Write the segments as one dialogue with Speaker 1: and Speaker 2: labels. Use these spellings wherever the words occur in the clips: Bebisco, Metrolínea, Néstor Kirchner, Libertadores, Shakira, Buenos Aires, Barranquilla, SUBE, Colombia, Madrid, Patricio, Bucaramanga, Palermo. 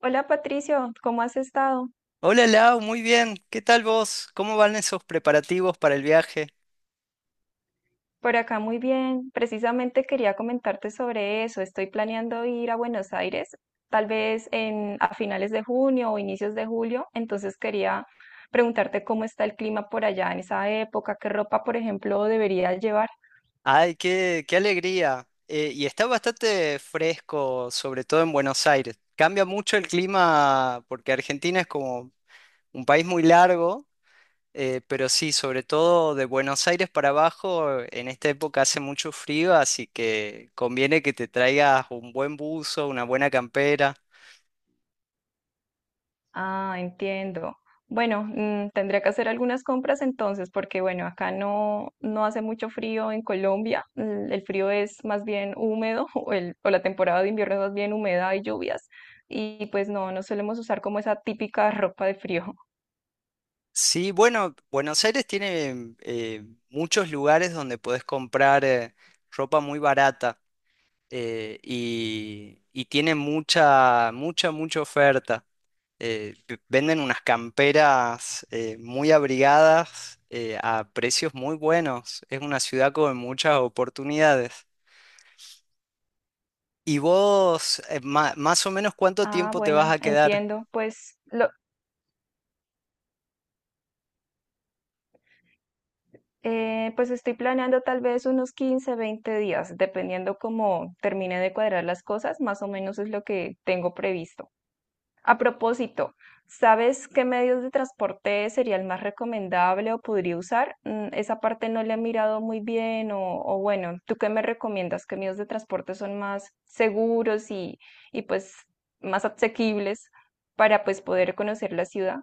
Speaker 1: Hola Patricio, ¿cómo has estado?
Speaker 2: Hola Lau, muy bien. ¿Qué tal vos? ¿Cómo van esos preparativos para el viaje?
Speaker 1: Por acá muy bien. Precisamente quería comentarte sobre eso. Estoy planeando ir a Buenos Aires, tal vez a finales de junio o inicios de julio. Entonces quería preguntarte cómo está el clima por allá en esa época, qué ropa, por ejemplo, debería llevar.
Speaker 2: Ay, qué alegría. Y está bastante fresco, sobre todo en Buenos Aires. Cambia mucho el clima porque Argentina es como un país muy largo, pero sí, sobre todo de Buenos Aires para abajo, en esta época hace mucho frío, así que conviene que te traigas un buen buzo, una buena campera.
Speaker 1: Ah, entiendo. Bueno, tendría que hacer algunas compras entonces, porque bueno, acá no hace mucho frío en Colombia. El frío es más bien húmedo, o la temporada de invierno es más bien húmeda y lluvias. Y pues no solemos usar como esa típica ropa de frío.
Speaker 2: Sí, bueno, Buenos Aires tiene muchos lugares donde podés comprar ropa muy barata y tiene mucha oferta. Venden unas camperas muy abrigadas a precios muy buenos. Es una ciudad con muchas oportunidades. ¿Y vos, más o menos cuánto
Speaker 1: Ah,
Speaker 2: tiempo te vas
Speaker 1: bueno,
Speaker 2: a quedar?
Speaker 1: entiendo. Pues estoy planeando tal vez unos 15, 20 días, dependiendo cómo termine de cuadrar las cosas, más o menos es lo que tengo previsto. A propósito, ¿sabes qué medios de transporte sería el más recomendable o podría usar? Esa parte no le he mirado muy bien o bueno, ¿tú qué me recomiendas? ¿Qué medios de transporte son más seguros y pues más asequibles para pues poder conocer la ciudad?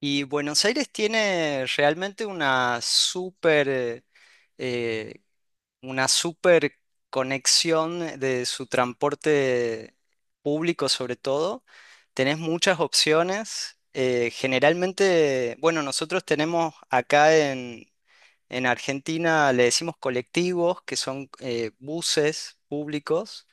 Speaker 2: Y Buenos Aires tiene realmente una eh, super conexión de su transporte público sobre todo. Tenés muchas opciones. Generalmente, bueno, nosotros tenemos acá en Argentina, le decimos colectivos, que son buses públicos,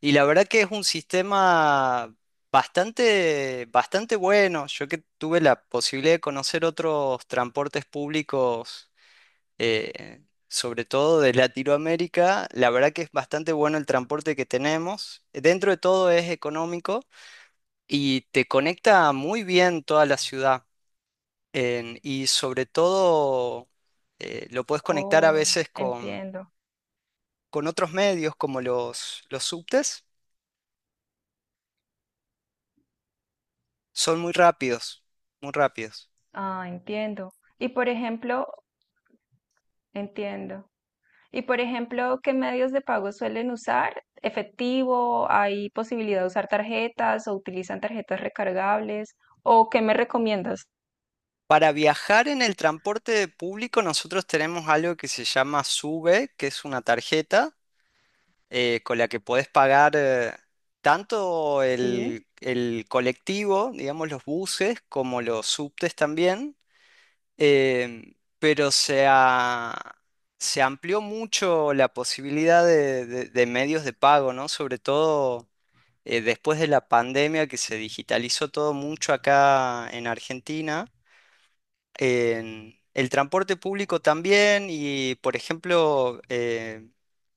Speaker 2: y la verdad que es un sistema bastante bueno. Yo que tuve la posibilidad de conocer otros transportes públicos eh, sobre todo de Latinoamérica, la verdad que es bastante bueno el transporte que tenemos. Dentro de todo es económico y te conecta muy bien toda la ciudad. Y sobre todo lo puedes conectar a
Speaker 1: Oh,
Speaker 2: veces
Speaker 1: entiendo.
Speaker 2: con otros medios como los subtes. Son muy rápidos, muy rápidos.
Speaker 1: Ah, entiendo. Y por ejemplo, entiendo. Y por ejemplo, ¿qué medios de pago suelen usar? ¿Efectivo? ¿Hay posibilidad de usar tarjetas o utilizan tarjetas recargables? ¿O qué me recomiendas?
Speaker 2: Para viajar en el transporte público nosotros tenemos algo que se llama SUBE, que es una tarjeta con la que podés pagar tanto
Speaker 1: Sí.
Speaker 2: el colectivo, digamos los buses, como los subtes también, em, pero se, a- se amplió mucho la posibilidad de medios de pago, ¿no? Sobre todo después de la pandemia que se digitalizó todo mucho acá en Argentina en el transporte público también y, por ejemplo,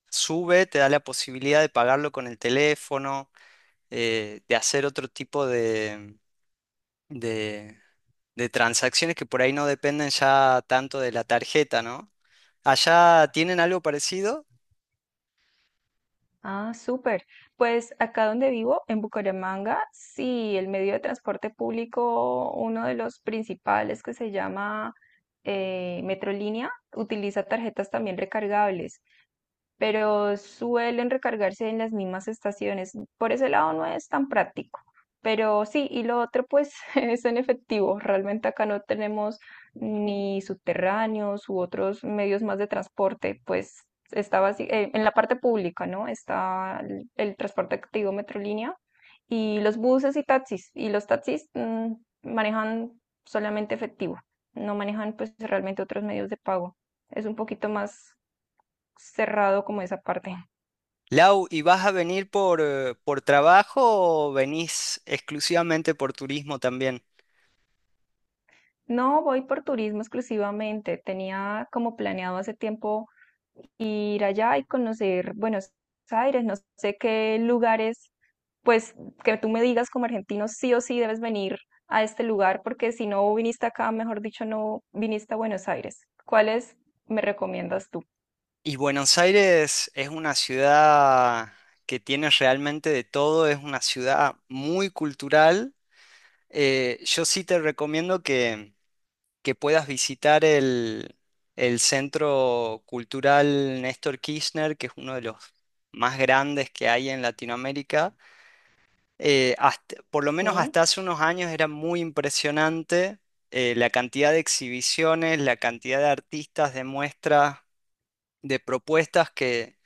Speaker 2: Sube te da la posibilidad de pagarlo con el teléfono, de hacer otro tipo de- de transacciones que por ahí no dependen ya tanto de la tarjeta, ¿no? ¿Allá tienen algo parecido?
Speaker 1: Ah, súper. Pues acá donde vivo, en Bucaramanga, sí, el medio de transporte público, uno de los principales que se llama Metrolínea, utiliza tarjetas también recargables, pero suelen recargarse en las mismas estaciones. Por ese lado no es tan práctico. Pero sí, y lo otro pues es en efectivo. Realmente acá no tenemos ni subterráneos u otros medios más de transporte, pues está en la parte pública, ¿no? Está el transporte activo Metrolínea y los buses y taxis. Y los taxis manejan solamente efectivo, no manejan pues realmente otros medios de pago. Es un poquito más cerrado como esa parte.
Speaker 2: Lau, ¿y vas a venir por trabajo o venís exclusivamente por turismo también?
Speaker 1: No, voy por turismo exclusivamente. Tenía como planeado hace tiempo ir allá y conocer Buenos Aires. No sé qué lugares, pues que tú me digas como argentino, sí o sí debes venir a este lugar, porque si no viniste acá, mejor dicho, no viniste a Buenos Aires. ¿Cuáles me recomiendas tú?
Speaker 2: Y Buenos Aires es una ciudad que tiene realmente de todo, es una ciudad muy cultural. Yo sí te recomiendo que puedas visitar el Centro Cultural Néstor Kirchner, que es uno de los más grandes que hay en Latinoamérica. Por lo menos
Speaker 1: Sí,
Speaker 2: hasta hace unos años era muy impresionante la cantidad de exhibiciones, la cantidad de artistas, de muestras, de propuestas que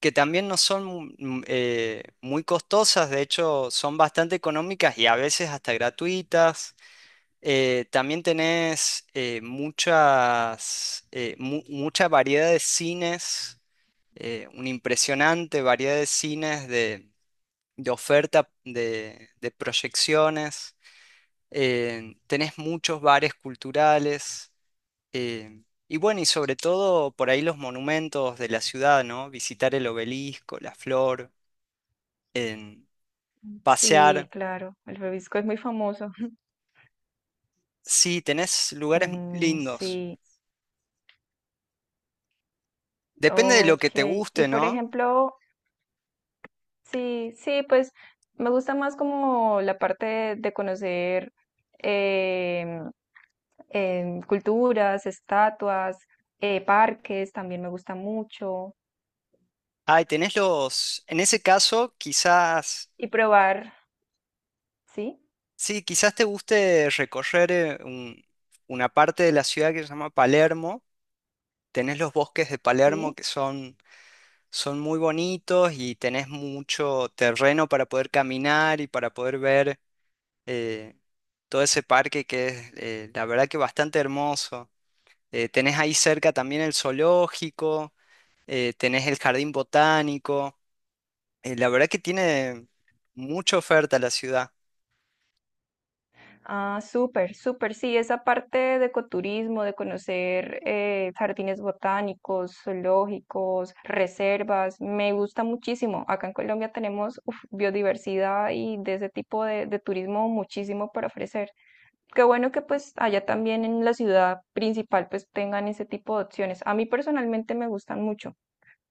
Speaker 2: que también no son muy costosas, de hecho son bastante económicas y a veces hasta gratuitas. También tenés mucha variedad de cines, una impresionante variedad de cines de oferta de proyecciones. Tenés muchos bares culturales. Y bueno, y sobre todo por ahí los monumentos de la ciudad, ¿no? Visitar el obelisco, la flor en
Speaker 1: sí,
Speaker 2: pasear.
Speaker 1: claro. El Bebisco es muy famoso.
Speaker 2: Sí, tenés lugares
Speaker 1: Mm,
Speaker 2: lindos.
Speaker 1: sí,
Speaker 2: Depende de lo que
Speaker 1: ok.
Speaker 2: te
Speaker 1: Y
Speaker 2: guste,
Speaker 1: por
Speaker 2: ¿no?
Speaker 1: ejemplo, sí, sí, pues me gusta más como la parte de conocer em, culturas, estatuas, parques, también me gusta mucho.
Speaker 2: Ay, tenés los... En ese caso, quizás...
Speaker 1: Y probar, sí,
Speaker 2: Sí, quizás te guste recorrer una parte de la ciudad que se llama Palermo. Tenés los bosques de Palermo
Speaker 1: sí.
Speaker 2: que son, son muy bonitos y tenés mucho terreno para poder caminar y para poder ver eh, todo ese parque que es, la verdad que bastante hermoso. Tenés ahí cerca también el zoológico, tenés el jardín botánico. La verdad que tiene mucha oferta la ciudad.
Speaker 1: Ah, súper, súper, sí, esa parte de ecoturismo, de conocer jardines botánicos, zoológicos, reservas, me gusta muchísimo. Acá en Colombia tenemos uf, biodiversidad y de ese tipo de turismo muchísimo para ofrecer. Qué bueno que pues allá también en la ciudad principal pues tengan ese tipo de opciones. A mí personalmente me gustan mucho.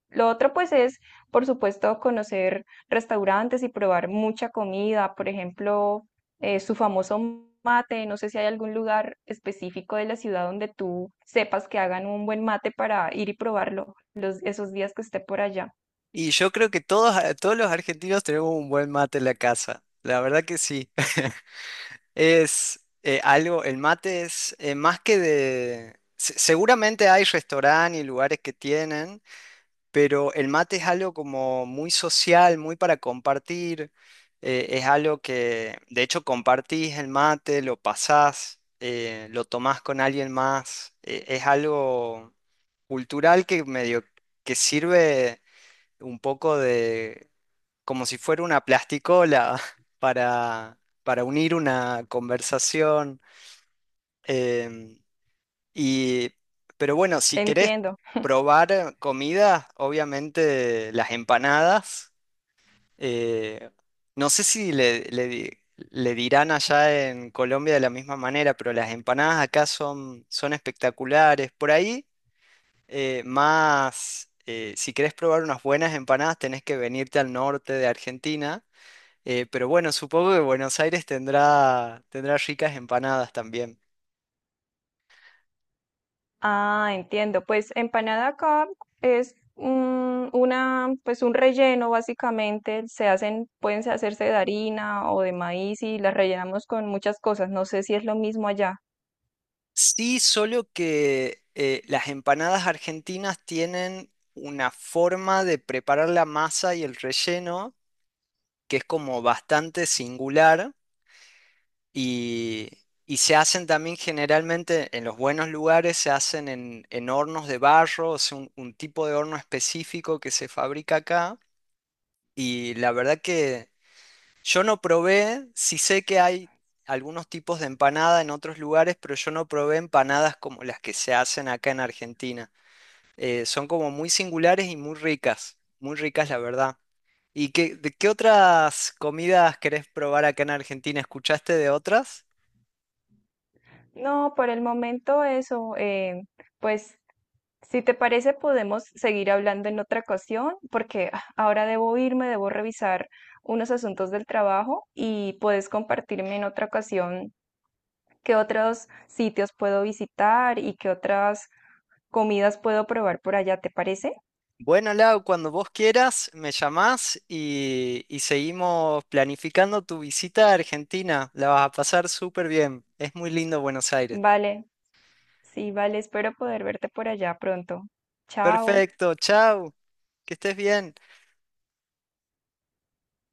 Speaker 1: Lo otro pues es, por supuesto, conocer restaurantes y probar mucha comida, por ejemplo, su famoso mate. No sé si hay algún lugar específico de la ciudad donde tú sepas que hagan un buen mate para ir y probarlo los, esos días que esté por allá.
Speaker 2: Y yo creo que todos los argentinos tenemos un buen mate en la casa. La verdad que sí. Es algo, el mate es más que de... Seguramente hay restaurantes y lugares que tienen, pero el mate es algo como muy social, muy para compartir, es algo que de hecho compartís el mate, lo pasás, lo tomás con alguien más, es algo cultural que medio que sirve un poco de como si fuera una plasticola para, para unir una conversación. Em, y, pero bueno, si querés
Speaker 1: Entiendo.
Speaker 2: probar comida, obviamente las empanadas. eh, no sé si le dirán allá en Colombia de la misma manera, pero las empanadas acá son, son espectaculares. Por ahí, si querés probar unas buenas empanadas, tenés que venirte al norte de Argentina. Pero bueno, supongo que Buenos Aires tendrá, tendrá ricas empanadas también.
Speaker 1: Ah, entiendo. Pues empanada acá es una, pues un relleno básicamente. Se hacen, pueden hacerse de harina o de maíz y las rellenamos con muchas cosas. No sé si es lo mismo allá.
Speaker 2: Sí, solo que las empanadas argentinas tienen una forma de preparar la masa y el relleno que es como bastante singular y, y se hacen también generalmente en los buenos lugares, se hacen en hornos de barro, es un tipo de horno específico que se fabrica acá y la verdad que... Yo no probé, sí sé que hay algunos tipos de empanada en otros lugares, pero yo no probé empanadas como las que se hacen acá en Argentina. Son como muy singulares y muy ricas la verdad. ¿Y de qué otras comidas querés probar acá en Argentina? ¿Escuchaste de otras?
Speaker 1: No, por el momento eso. Pues si te parece podemos seguir hablando en otra ocasión porque ahora debo irme, debo revisar unos asuntos del trabajo y puedes compartirme en otra ocasión qué otros sitios puedo visitar y qué otras comidas puedo probar por allá, ¿te parece?
Speaker 2: Bueno, Lau, cuando vos quieras, me llamás y seguimos planificando tu visita a Argentina. La vas a pasar súper bien. Es muy lindo Buenos Aires.
Speaker 1: Vale, sí, vale, espero poder verte por allá pronto. Chao.
Speaker 2: Perfecto, chao, que estés bien.